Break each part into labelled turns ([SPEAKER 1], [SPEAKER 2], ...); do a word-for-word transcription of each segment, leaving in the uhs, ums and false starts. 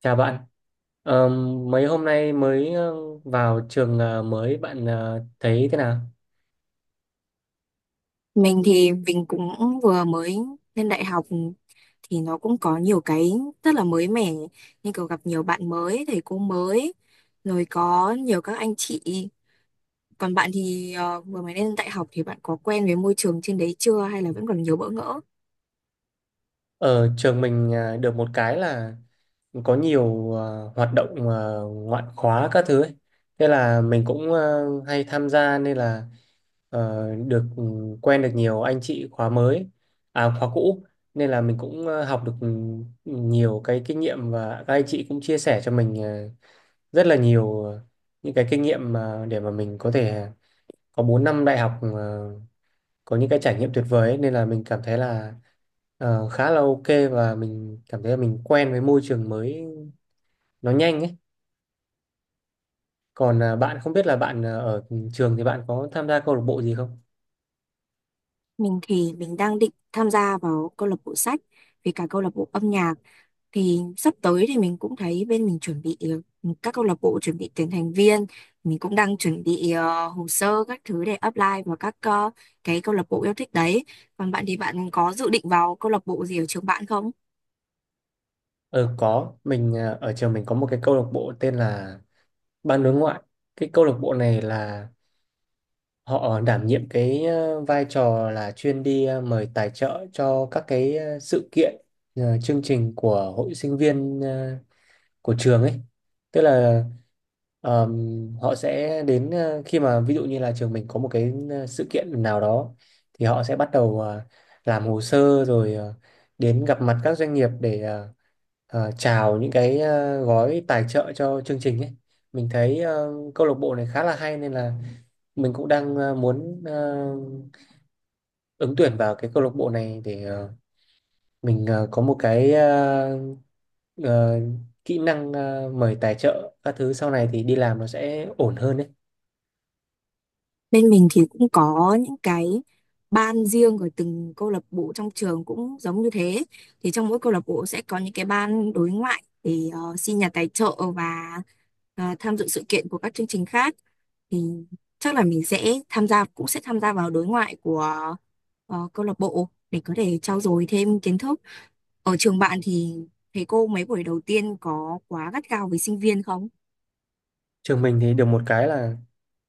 [SPEAKER 1] Chào bạn, Ờ, mấy hôm nay mới ờ, vào trường ờ, mới bạn ờ, thấy thế nào?
[SPEAKER 2] Mình thì mình cũng vừa mới lên đại học thì nó cũng có nhiều cái rất là mới mẻ như kiểu gặp nhiều bạn mới, thầy cô mới rồi có nhiều các anh chị. Còn bạn thì ờ, vừa mới lên đại học thì bạn có quen với môi trường trên đấy chưa hay là vẫn còn nhiều bỡ ngỡ?
[SPEAKER 1] Ở trường mình ờ, được một cái là có nhiều ờ, hoạt động ờ, ngoại khóa các thứ ấy. Thế là mình cũng ờ, hay tham gia nên là ờ, được ừ, quen được nhiều anh chị khóa mới, à khóa cũ, nên là mình cũng ờ, học được ừ, nhiều cái kinh nghiệm, và các anh chị cũng chia sẻ cho mình ờ, rất là nhiều ờ, những cái kinh nghiệm mà để mà mình có thể có bốn năm đại học, ờ, có những cái trải nghiệm tuyệt vời ấy, nên là mình cảm thấy là ờ, khá là ok, và mình cảm thấy là mình quen với môi trường mới nó nhanh ấy. Còn ờ, bạn không biết là bạn ờ, ở trường thì bạn có tham gia câu lạc bộ gì không?
[SPEAKER 2] Mình thì mình đang định tham gia vào câu lạc bộ sách với cả câu lạc bộ âm nhạc thì sắp tới thì mình cũng thấy bên mình chuẩn bị ờ, các câu lạc bộ chuẩn bị tuyển thành viên. Mình cũng đang chuẩn bị ờ, hồ sơ các thứ để apply vào các ờ, cái câu lạc bộ yêu thích đấy. Còn bạn thì bạn có dự định vào câu lạc bộ gì ở trường bạn không?
[SPEAKER 1] Ờ có, mình ờ, ở trường mình có một cái câu lạc bộ tên là Ban đối ngoại. Cái câu lạc bộ này là họ đảm nhiệm cái ờ, vai trò là chuyên đi ờ, mời tài trợ cho các cái ờ, sự kiện, ờ, chương trình của hội sinh viên ờ, của trường ấy. Tức là ờm, họ sẽ đến, ờ, khi mà ví dụ như là trường mình có một cái ờ, sự kiện nào đó, thì họ sẽ bắt đầu ờ, làm hồ sơ, rồi ờ, đến gặp mặt các doanh nghiệp để ờ, ờ, chào những cái ờ, gói tài trợ cho chương trình ấy. Mình thấy ờ, câu lạc bộ này khá là hay, nên là mình cũng đang ờ, muốn ờ, ứng tuyển vào cái câu lạc bộ này để ờ, mình ờ, có một cái ờ, ờ, kỹ năng ờ, mời tài trợ các thứ, sau này thì đi làm nó sẽ ổn hơn đấy.
[SPEAKER 2] Bên mình thì cũng có những cái ban riêng của từng câu lạc bộ trong trường cũng giống như thế. Thì trong mỗi câu lạc bộ sẽ có những cái ban đối ngoại để ờ, xin nhà tài trợ và ờ, tham dự sự kiện của các chương trình khác. Thì chắc là mình sẽ tham gia cũng sẽ tham gia vào đối ngoại của ờ, câu lạc bộ để có thể trau dồi thêm kiến thức. Ở trường bạn thì thầy cô mấy buổi đầu tiên có quá gắt gao với sinh viên không?
[SPEAKER 1] Trường mình thì được một cái là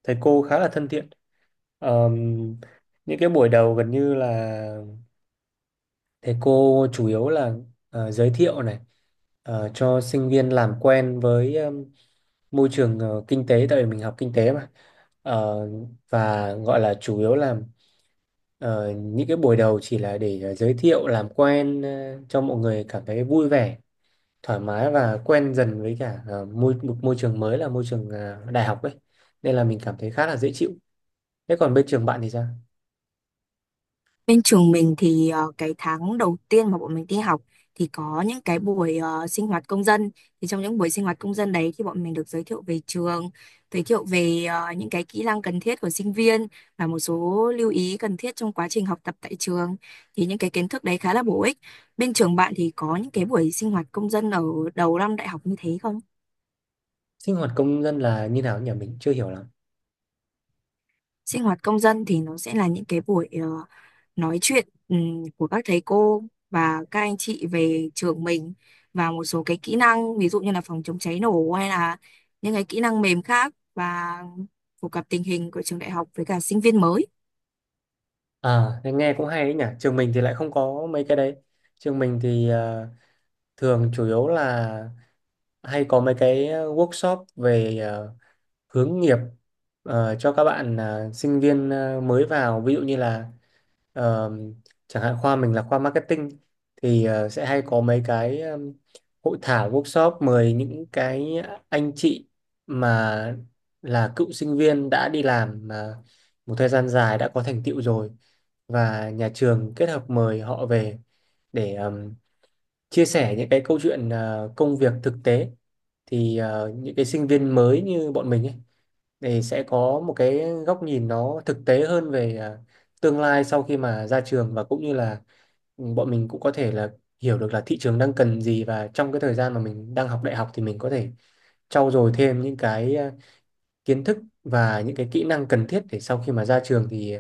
[SPEAKER 1] thầy cô khá là thân thiện. Ờm, những cái buổi đầu gần như là thầy cô chủ yếu là ờ, giới thiệu này, ờ, cho sinh viên làm quen với ừm, môi trường ờ, kinh tế, tại vì mình học kinh tế mà. Ờ, và gọi là chủ yếu là ờ, những cái buổi đầu chỉ là để ờ, giới thiệu làm quen, ờ, cho mọi người cảm thấy vui vẻ, thoải mái và quen dần với cả ờ, môi một môi trường mới là môi trường ờ, đại học ấy, nên là mình cảm thấy khá là dễ chịu. Thế còn bên trường bạn thì sao?
[SPEAKER 2] Bên trường mình thì ờ, cái tháng đầu tiên mà bọn mình đi học thì có những cái buổi ờ, sinh hoạt công dân. Thì trong những buổi sinh hoạt công dân đấy thì bọn mình được giới thiệu về trường, giới thiệu về ờ, những cái kỹ năng cần thiết của sinh viên và một số lưu ý cần thiết trong quá trình học tập tại trường. Thì những cái kiến thức đấy khá là bổ ích. Bên trường bạn thì có những cái buổi sinh hoạt công dân ở đầu năm đại học như thế không?
[SPEAKER 1] Sinh hoạt công dân là như nào nhỉ, mình chưa hiểu lắm.
[SPEAKER 2] Sinh hoạt công dân thì nó sẽ là những cái buổi ờ, nói chuyện ừm, của các thầy cô và các anh chị về trường mình và một số cái kỹ năng ví dụ như là phòng chống cháy nổ hay là những cái kỹ năng mềm khác, và phổ cập tình hình của trường đại học với cả sinh viên mới.
[SPEAKER 1] À thế nghe cũng hay ấy nhỉ, trường mình thì lại không có mấy cái đấy. Trường mình thì ờ, thường chủ yếu là hay có mấy cái workshop về ờ, hướng nghiệp ờ, cho các bạn ờ, sinh viên ờ, mới vào, ví dụ như là, Ờ, chẳng hạn khoa mình là khoa marketing thì ờ, sẽ hay có mấy cái um, hội thảo, workshop mời những cái anh chị mà là cựu sinh viên đã đi làm mà một thời gian dài, đã có thành tựu rồi, và nhà trường kết hợp mời họ về để um, chia sẻ những cái câu chuyện ờ, công việc thực tế, thì ờ, những cái sinh viên mới như bọn mình ấy thì sẽ có một cái góc nhìn nó thực tế hơn về à, tương lai sau khi mà ra trường, và cũng như là ừ, bọn mình cũng có thể là hiểu được là thị trường đang cần gì, và trong cái thời gian mà mình đang học đại học thì mình có thể trau dồi thêm những cái à, kiến thức và những cái kỹ năng cần thiết để sau khi mà ra trường thì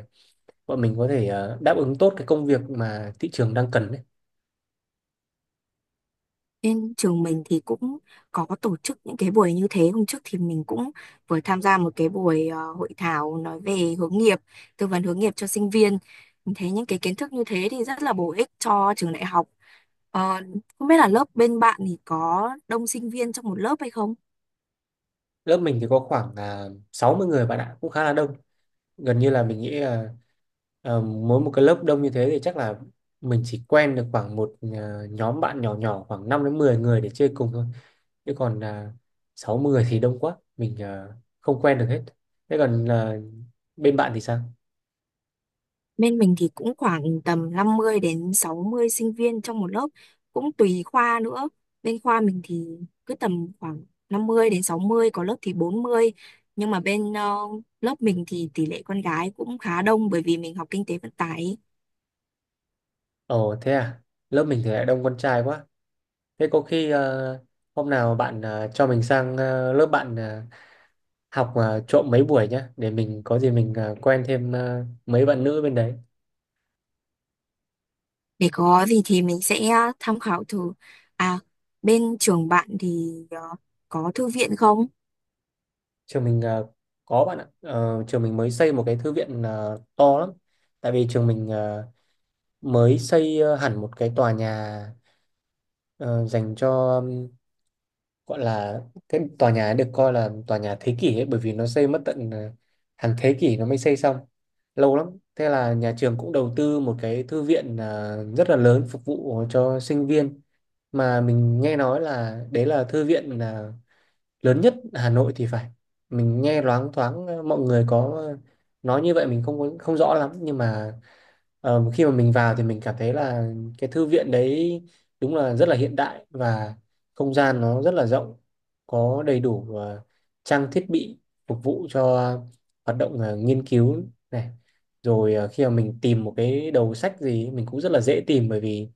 [SPEAKER 1] bọn mình có thể à, đáp ứng tốt cái công việc mà thị trường đang cần đấy.
[SPEAKER 2] Trên trường mình thì cũng có tổ chức những cái buổi như thế. Hôm trước thì mình cũng vừa tham gia một cái buổi ờ, hội thảo nói về hướng nghiệp, tư vấn hướng nghiệp cho sinh viên. Mình thấy những cái kiến thức như thế thì rất là bổ ích cho trường đại học. Ờ, Không biết là lớp bên bạn thì có đông sinh viên trong một lớp hay không?
[SPEAKER 1] Lớp mình thì có khoảng uh, sáu mươi người, bạn ạ, cũng khá là đông. Gần như là mình nghĩ là ờ, mỗi một cái lớp đông như thế thì chắc là mình chỉ quen được khoảng một ờ, nhóm bạn nhỏ nhỏ khoảng năm đến mười người để chơi cùng thôi, chứ còn uh, sáu mười thì đông quá, mình ờ, không quen được hết. Thế còn ờ, bên bạn thì sao?
[SPEAKER 2] Bên mình thì cũng khoảng tầm năm mươi đến sáu mươi sinh viên trong một lớp, cũng tùy khoa nữa. Bên khoa mình thì cứ tầm khoảng năm mươi đến sáu mươi, có lớp thì bốn mươi. Nhưng mà bên ờ, lớp mình thì tỷ lệ con gái cũng khá đông bởi vì mình học kinh tế vận tải ấy.
[SPEAKER 1] Ồ thế à, lớp mình thì lại đông con trai quá. Thế có khi ờ, hôm nào bạn ờ, cho mình sang ờ, lớp bạn ờ, học ờ, trộm mấy buổi nhá, để mình có gì mình ờ, quen thêm ờ, mấy bạn nữ bên đấy.
[SPEAKER 2] Để có gì thì mình sẽ ờ, tham khảo thử. À, bên trường bạn thì ờ, có thư viện không?
[SPEAKER 1] Trường mình ờ, có, bạn ạ. Ờ, trường mình mới xây một cái thư viện ờ, to lắm, tại vì trường mình ờ, mới xây ờ, hẳn một cái tòa nhà ờ, dành cho, um, gọi là, cái tòa nhà ấy được coi là tòa nhà thế kỷ ấy, bởi vì nó xây mất tận ờ, hàng thế kỷ nó mới xây xong, lâu lắm. Thế là nhà trường cũng đầu tư một cái thư viện ờ, rất là lớn phục vụ cho sinh viên, mà mình nghe nói là đấy là thư viện ờ, lớn nhất Hà Nội thì phải. Mình nghe loáng thoáng ờ, mọi người có ờ, nói như vậy, mình không có- không rõ lắm, nhưng mà ờ, khi mà mình vào thì mình cảm thấy là cái thư viện đấy đúng là rất là hiện đại, và không gian nó rất là rộng, có đầy đủ ờ, trang thiết bị phục vụ cho hoạt động ờ, nghiên cứu này, rồi ờ, khi mà mình tìm một cái đầu sách gì mình cũng rất là dễ tìm, bởi vì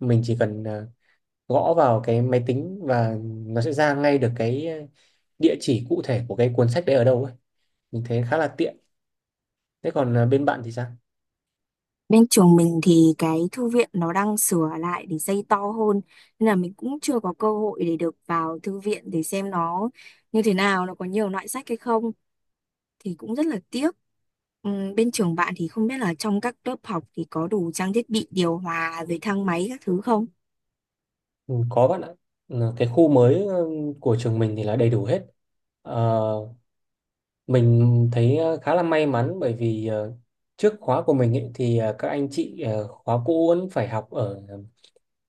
[SPEAKER 1] mình chỉ cần ờ, gõ vào cái máy tính và nó sẽ ra ngay được cái địa chỉ cụ thể của cái cuốn sách đấy ở đâu ấy, mình thấy khá là tiện. Thế còn à, bên bạn thì sao?
[SPEAKER 2] Bên trường mình thì cái thư viện nó đang sửa lại để xây to hơn nên là mình cũng chưa có cơ hội để được vào thư viện để xem nó như thế nào, nó có nhiều loại sách hay không, thì cũng rất là tiếc. Ừm, bên trường bạn thì không biết là trong các lớp học thì có đủ trang thiết bị điều hòa rồi thang máy các thứ không?
[SPEAKER 1] Ừ, có bạn ạ. Ừ, cái khu mới ừ, của trường mình thì là đầy đủ hết. Ờ, mình thấy ờ, khá là may mắn bởi vì ờ, trước khóa của mình ấy, thì ờ, các anh chị ờ, khóa cũ vẫn phải học ở ờ,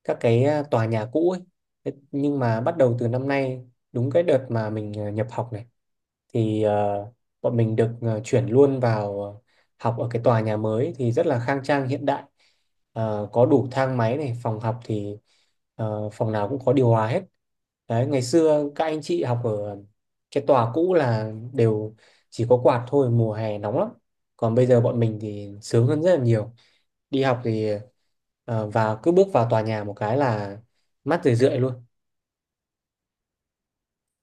[SPEAKER 1] các cái ờ, tòa nhà cũ ấy. Thế nhưng mà bắt đầu từ năm nay, đúng cái đợt mà mình ờ, nhập học này, thì ờ, bọn mình được ờ, chuyển luôn vào ờ, học ở cái tòa nhà mới thì rất là khang trang, hiện đại. Ờ, có đủ thang máy này, phòng học thì ờ, phòng nào cũng có điều hòa hết. Đấy, ngày xưa các anh chị học ở cái tòa cũ là đều chỉ có quạt thôi, mùa hè nóng lắm, còn bây giờ bọn mình thì sướng hơn rất là nhiều. Đi học thì ờ, vào, cứ bước vào tòa nhà một cái là mát rười rượi luôn.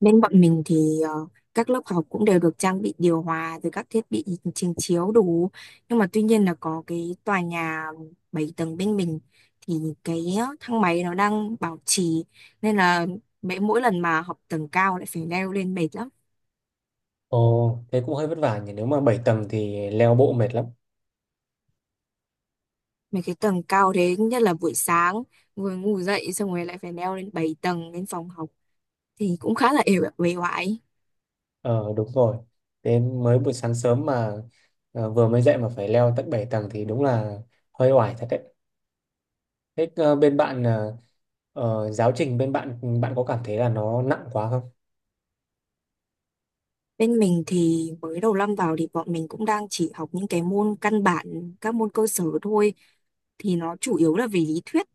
[SPEAKER 2] Bên bọn mình thì ờ, các lớp học cũng đều được trang bị điều hòa rồi các thiết bị trình chiếu đủ. Nhưng mà tuy nhiên là có cái tòa nhà bảy tầng bên mình thì cái ờ, thang máy nó đang bảo trì nên là mấy mỗi lần mà học tầng cao lại phải leo lên mệt lắm.
[SPEAKER 1] Ồ thế cũng hơi vất vả nhỉ, nếu mà bảy tầng thì leo bộ mệt lắm.
[SPEAKER 2] Mấy cái tầng cao thế nhất là buổi sáng vừa ngủ dậy xong rồi lại phải leo lên bảy tầng lên phòng học thì cũng khá là ề uể oải.
[SPEAKER 1] Ờ đúng rồi. Đến mới buổi sáng sớm mà ờ, vừa mới dậy mà phải leo tận bảy tầng thì đúng là hơi oải thật đấy. Thế ờ, bên bạn, ờ, ờ, giáo trình bên bạn, bạn có cảm thấy là nó nặng quá không?
[SPEAKER 2] Bên mình thì mới đầu năm vào thì bọn mình cũng đang chỉ học những cái môn căn bản, các môn cơ sở thôi. Thì nó chủ yếu là về lý thuyết.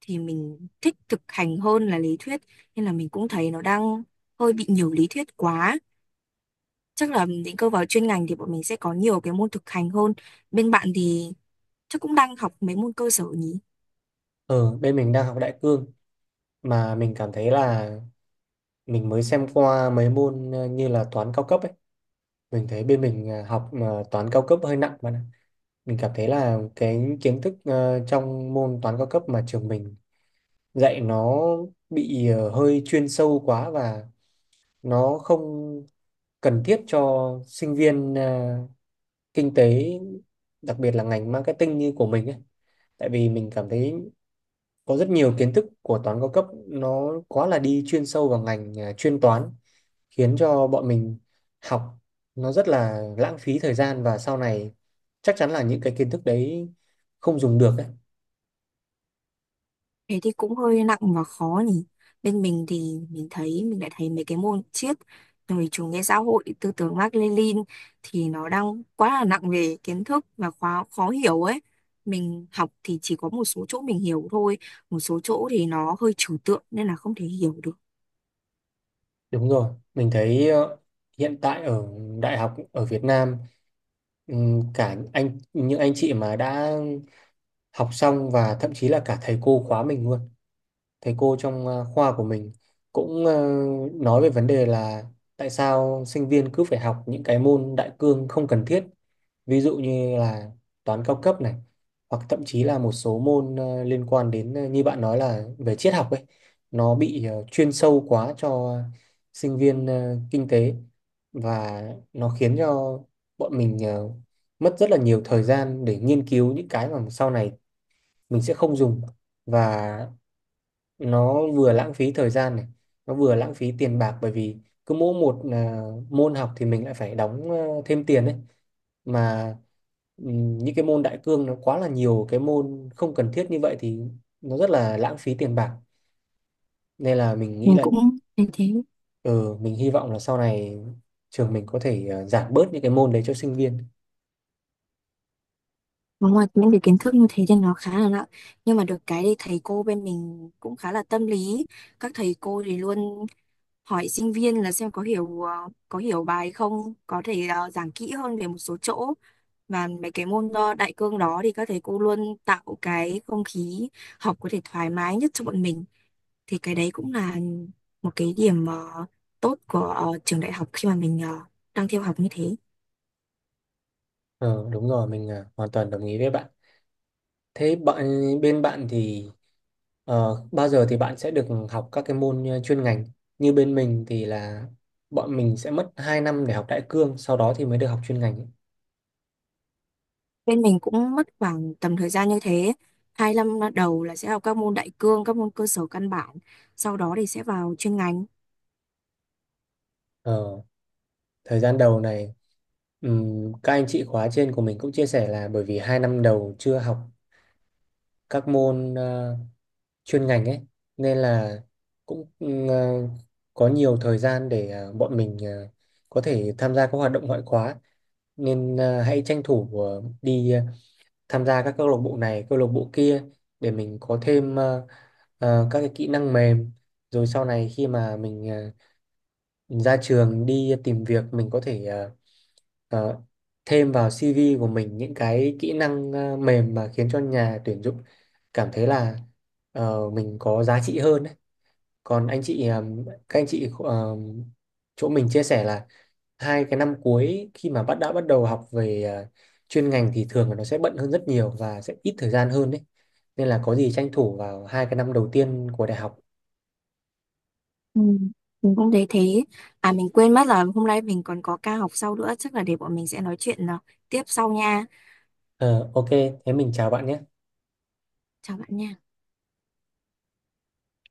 [SPEAKER 2] Thì mình thích thực hành hơn là lý thuyết. Nên là mình cũng thấy nó đang hơi bị nhiều lý thuyết quá. Chắc là định cơ vào chuyên ngành thì bọn mình sẽ có nhiều cái môn thực hành hơn. Bên bạn thì chắc cũng đang học mấy môn cơ sở nhỉ?
[SPEAKER 1] Ờ bên mình đang học đại cương, mà mình cảm thấy là mình mới xem qua mấy môn ờ, như là toán cao cấp ấy. Mình thấy bên mình ờ, học ờ, toán cao cấp hơi nặng, bạn ạ. Mình cảm thấy là cái kiến thức ờ, trong môn toán cao cấp mà trường mình dạy nó bị ờ, hơi chuyên sâu quá, và nó không cần thiết cho sinh viên à, kinh tế, đặc biệt là ngành marketing như của mình ấy. Tại vì mình cảm thấy có rất nhiều kiến thức của toán cao cấp nó quá là đi chuyên sâu vào ngành à, chuyên toán, khiến cho bọn mình học nó rất là lãng phí thời gian, và sau này chắc chắn là những cái kiến thức đấy không dùng được ấy.
[SPEAKER 2] Thế thì cũng hơi nặng và khó nhỉ. Bên mình thì mình thấy mình lại thấy mấy cái môn triết rồi chủ nghĩa xã hội tư tưởng Mác Lênin thì nó đang quá là nặng về kiến thức và khó khó hiểu ấy. Mình học thì chỉ có một số chỗ mình hiểu thôi, một số chỗ thì nó hơi trừu tượng nên là không thể hiểu được.
[SPEAKER 1] Đúng rồi, mình thấy ờ, hiện tại ở đại học ở Việt Nam, ừm, cả anh những anh chị mà đã học xong và thậm chí là cả thầy cô khóa mình luôn, thầy cô trong ờ, khoa của mình cũng ờ, nói về vấn đề là tại sao sinh viên cứ phải học những cái môn đại cương không cần thiết, ví dụ như là toán cao cấp này, hoặc thậm chí là một số môn ờ, liên quan đến, ờ, như bạn nói là về triết học ấy, nó bị ờ, chuyên sâu quá cho sinh viên ờ, kinh tế, và nó khiến cho bọn mình ờ, mất rất là nhiều thời gian để nghiên cứu những cái mà sau này mình sẽ không dùng, và nó vừa lãng phí thời gian này, nó vừa lãng phí tiền bạc, bởi vì cứ mỗi một à, môn học thì mình lại phải đóng ờ, thêm tiền đấy mà. Ừm, những cái môn đại cương nó quá là nhiều cái môn không cần thiết như vậy thì nó rất là lãng phí tiền bạc, nên là mình nghĩ
[SPEAKER 2] Mình
[SPEAKER 1] là,
[SPEAKER 2] cũng thấy thế.
[SPEAKER 1] ừ, mình hy vọng là sau này trường mình có thể ờ, giảm bớt những cái môn đấy cho sinh viên.
[SPEAKER 2] Và Ngoài những cái kiến thức như thế thì nó khá là nặng. Nhưng mà được cái thì thầy cô bên mình cũng khá là tâm lý. Các thầy cô thì luôn hỏi sinh viên là xem có hiểu ờ, có hiểu bài không, có thể ờ, giảng kỹ hơn về một số chỗ, và mấy cái môn ờ, đại cương đó thì các thầy cô luôn tạo cái không khí học có thể thoải mái nhất cho bọn mình, thì cái đấy cũng là một cái điểm ờ, tốt của ờ, trường đại học khi mà mình ờ, đang theo học như thế.
[SPEAKER 1] ờ Đúng rồi, mình ờ, hoàn toàn đồng ý với bạn. Thế bạn bên bạn thì ờ, bao giờ thì bạn sẽ được học các cái môn ờ, chuyên ngành? Như bên mình thì là bọn mình sẽ mất hai năm để học đại cương, sau đó thì mới được học chuyên ngành ấy.
[SPEAKER 2] Bên mình cũng mất khoảng tầm thời gian như thế, hai năm đầu là sẽ học các môn đại cương, các môn cơ sở căn bản, sau đó thì sẽ vào chuyên ngành.
[SPEAKER 1] Ờ, Thời gian đầu này, ừm, các anh chị khóa trên của mình cũng chia sẻ là bởi vì hai năm đầu chưa học các môn ờ, chuyên ngành ấy, nên là cũng ừm, ờ, có nhiều thời gian để ờ, bọn mình ờ, có thể tham gia các hoạt động ngoại khóa, nên à, hãy tranh thủ à, đi ờ, tham gia các câu lạc bộ này, câu lạc bộ kia, để mình có thêm ờ, ờ, các cái kỹ năng mềm, rồi sau này khi mà mình, ờ, mình ra trường đi tìm việc, mình có thể ờ, ờ, thêm vào xê vê của mình những cái kỹ năng ờ, mềm mà khiến cho nhà tuyển dụng cảm thấy là ờ, mình có giá trị hơn ấy. Còn anh chị ờm, các anh chị ờm, chỗ mình chia sẻ là hai cái năm cuối khi mà bắt đã bắt đầu học về ờ, chuyên ngành thì thường là nó sẽ bận hơn rất nhiều và sẽ ít thời gian hơn đấy. Nên là có gì tranh thủ vào hai cái năm đầu tiên của đại học.
[SPEAKER 2] Ừ, mình cũng thấy thế. À, mình quên mất là hôm nay mình còn có ca học sau nữa, chắc là để bọn mình sẽ nói chuyện à, tiếp sau nha.
[SPEAKER 1] Ờ, ok, thế mình chào bạn nhé.
[SPEAKER 2] Chào bạn nha.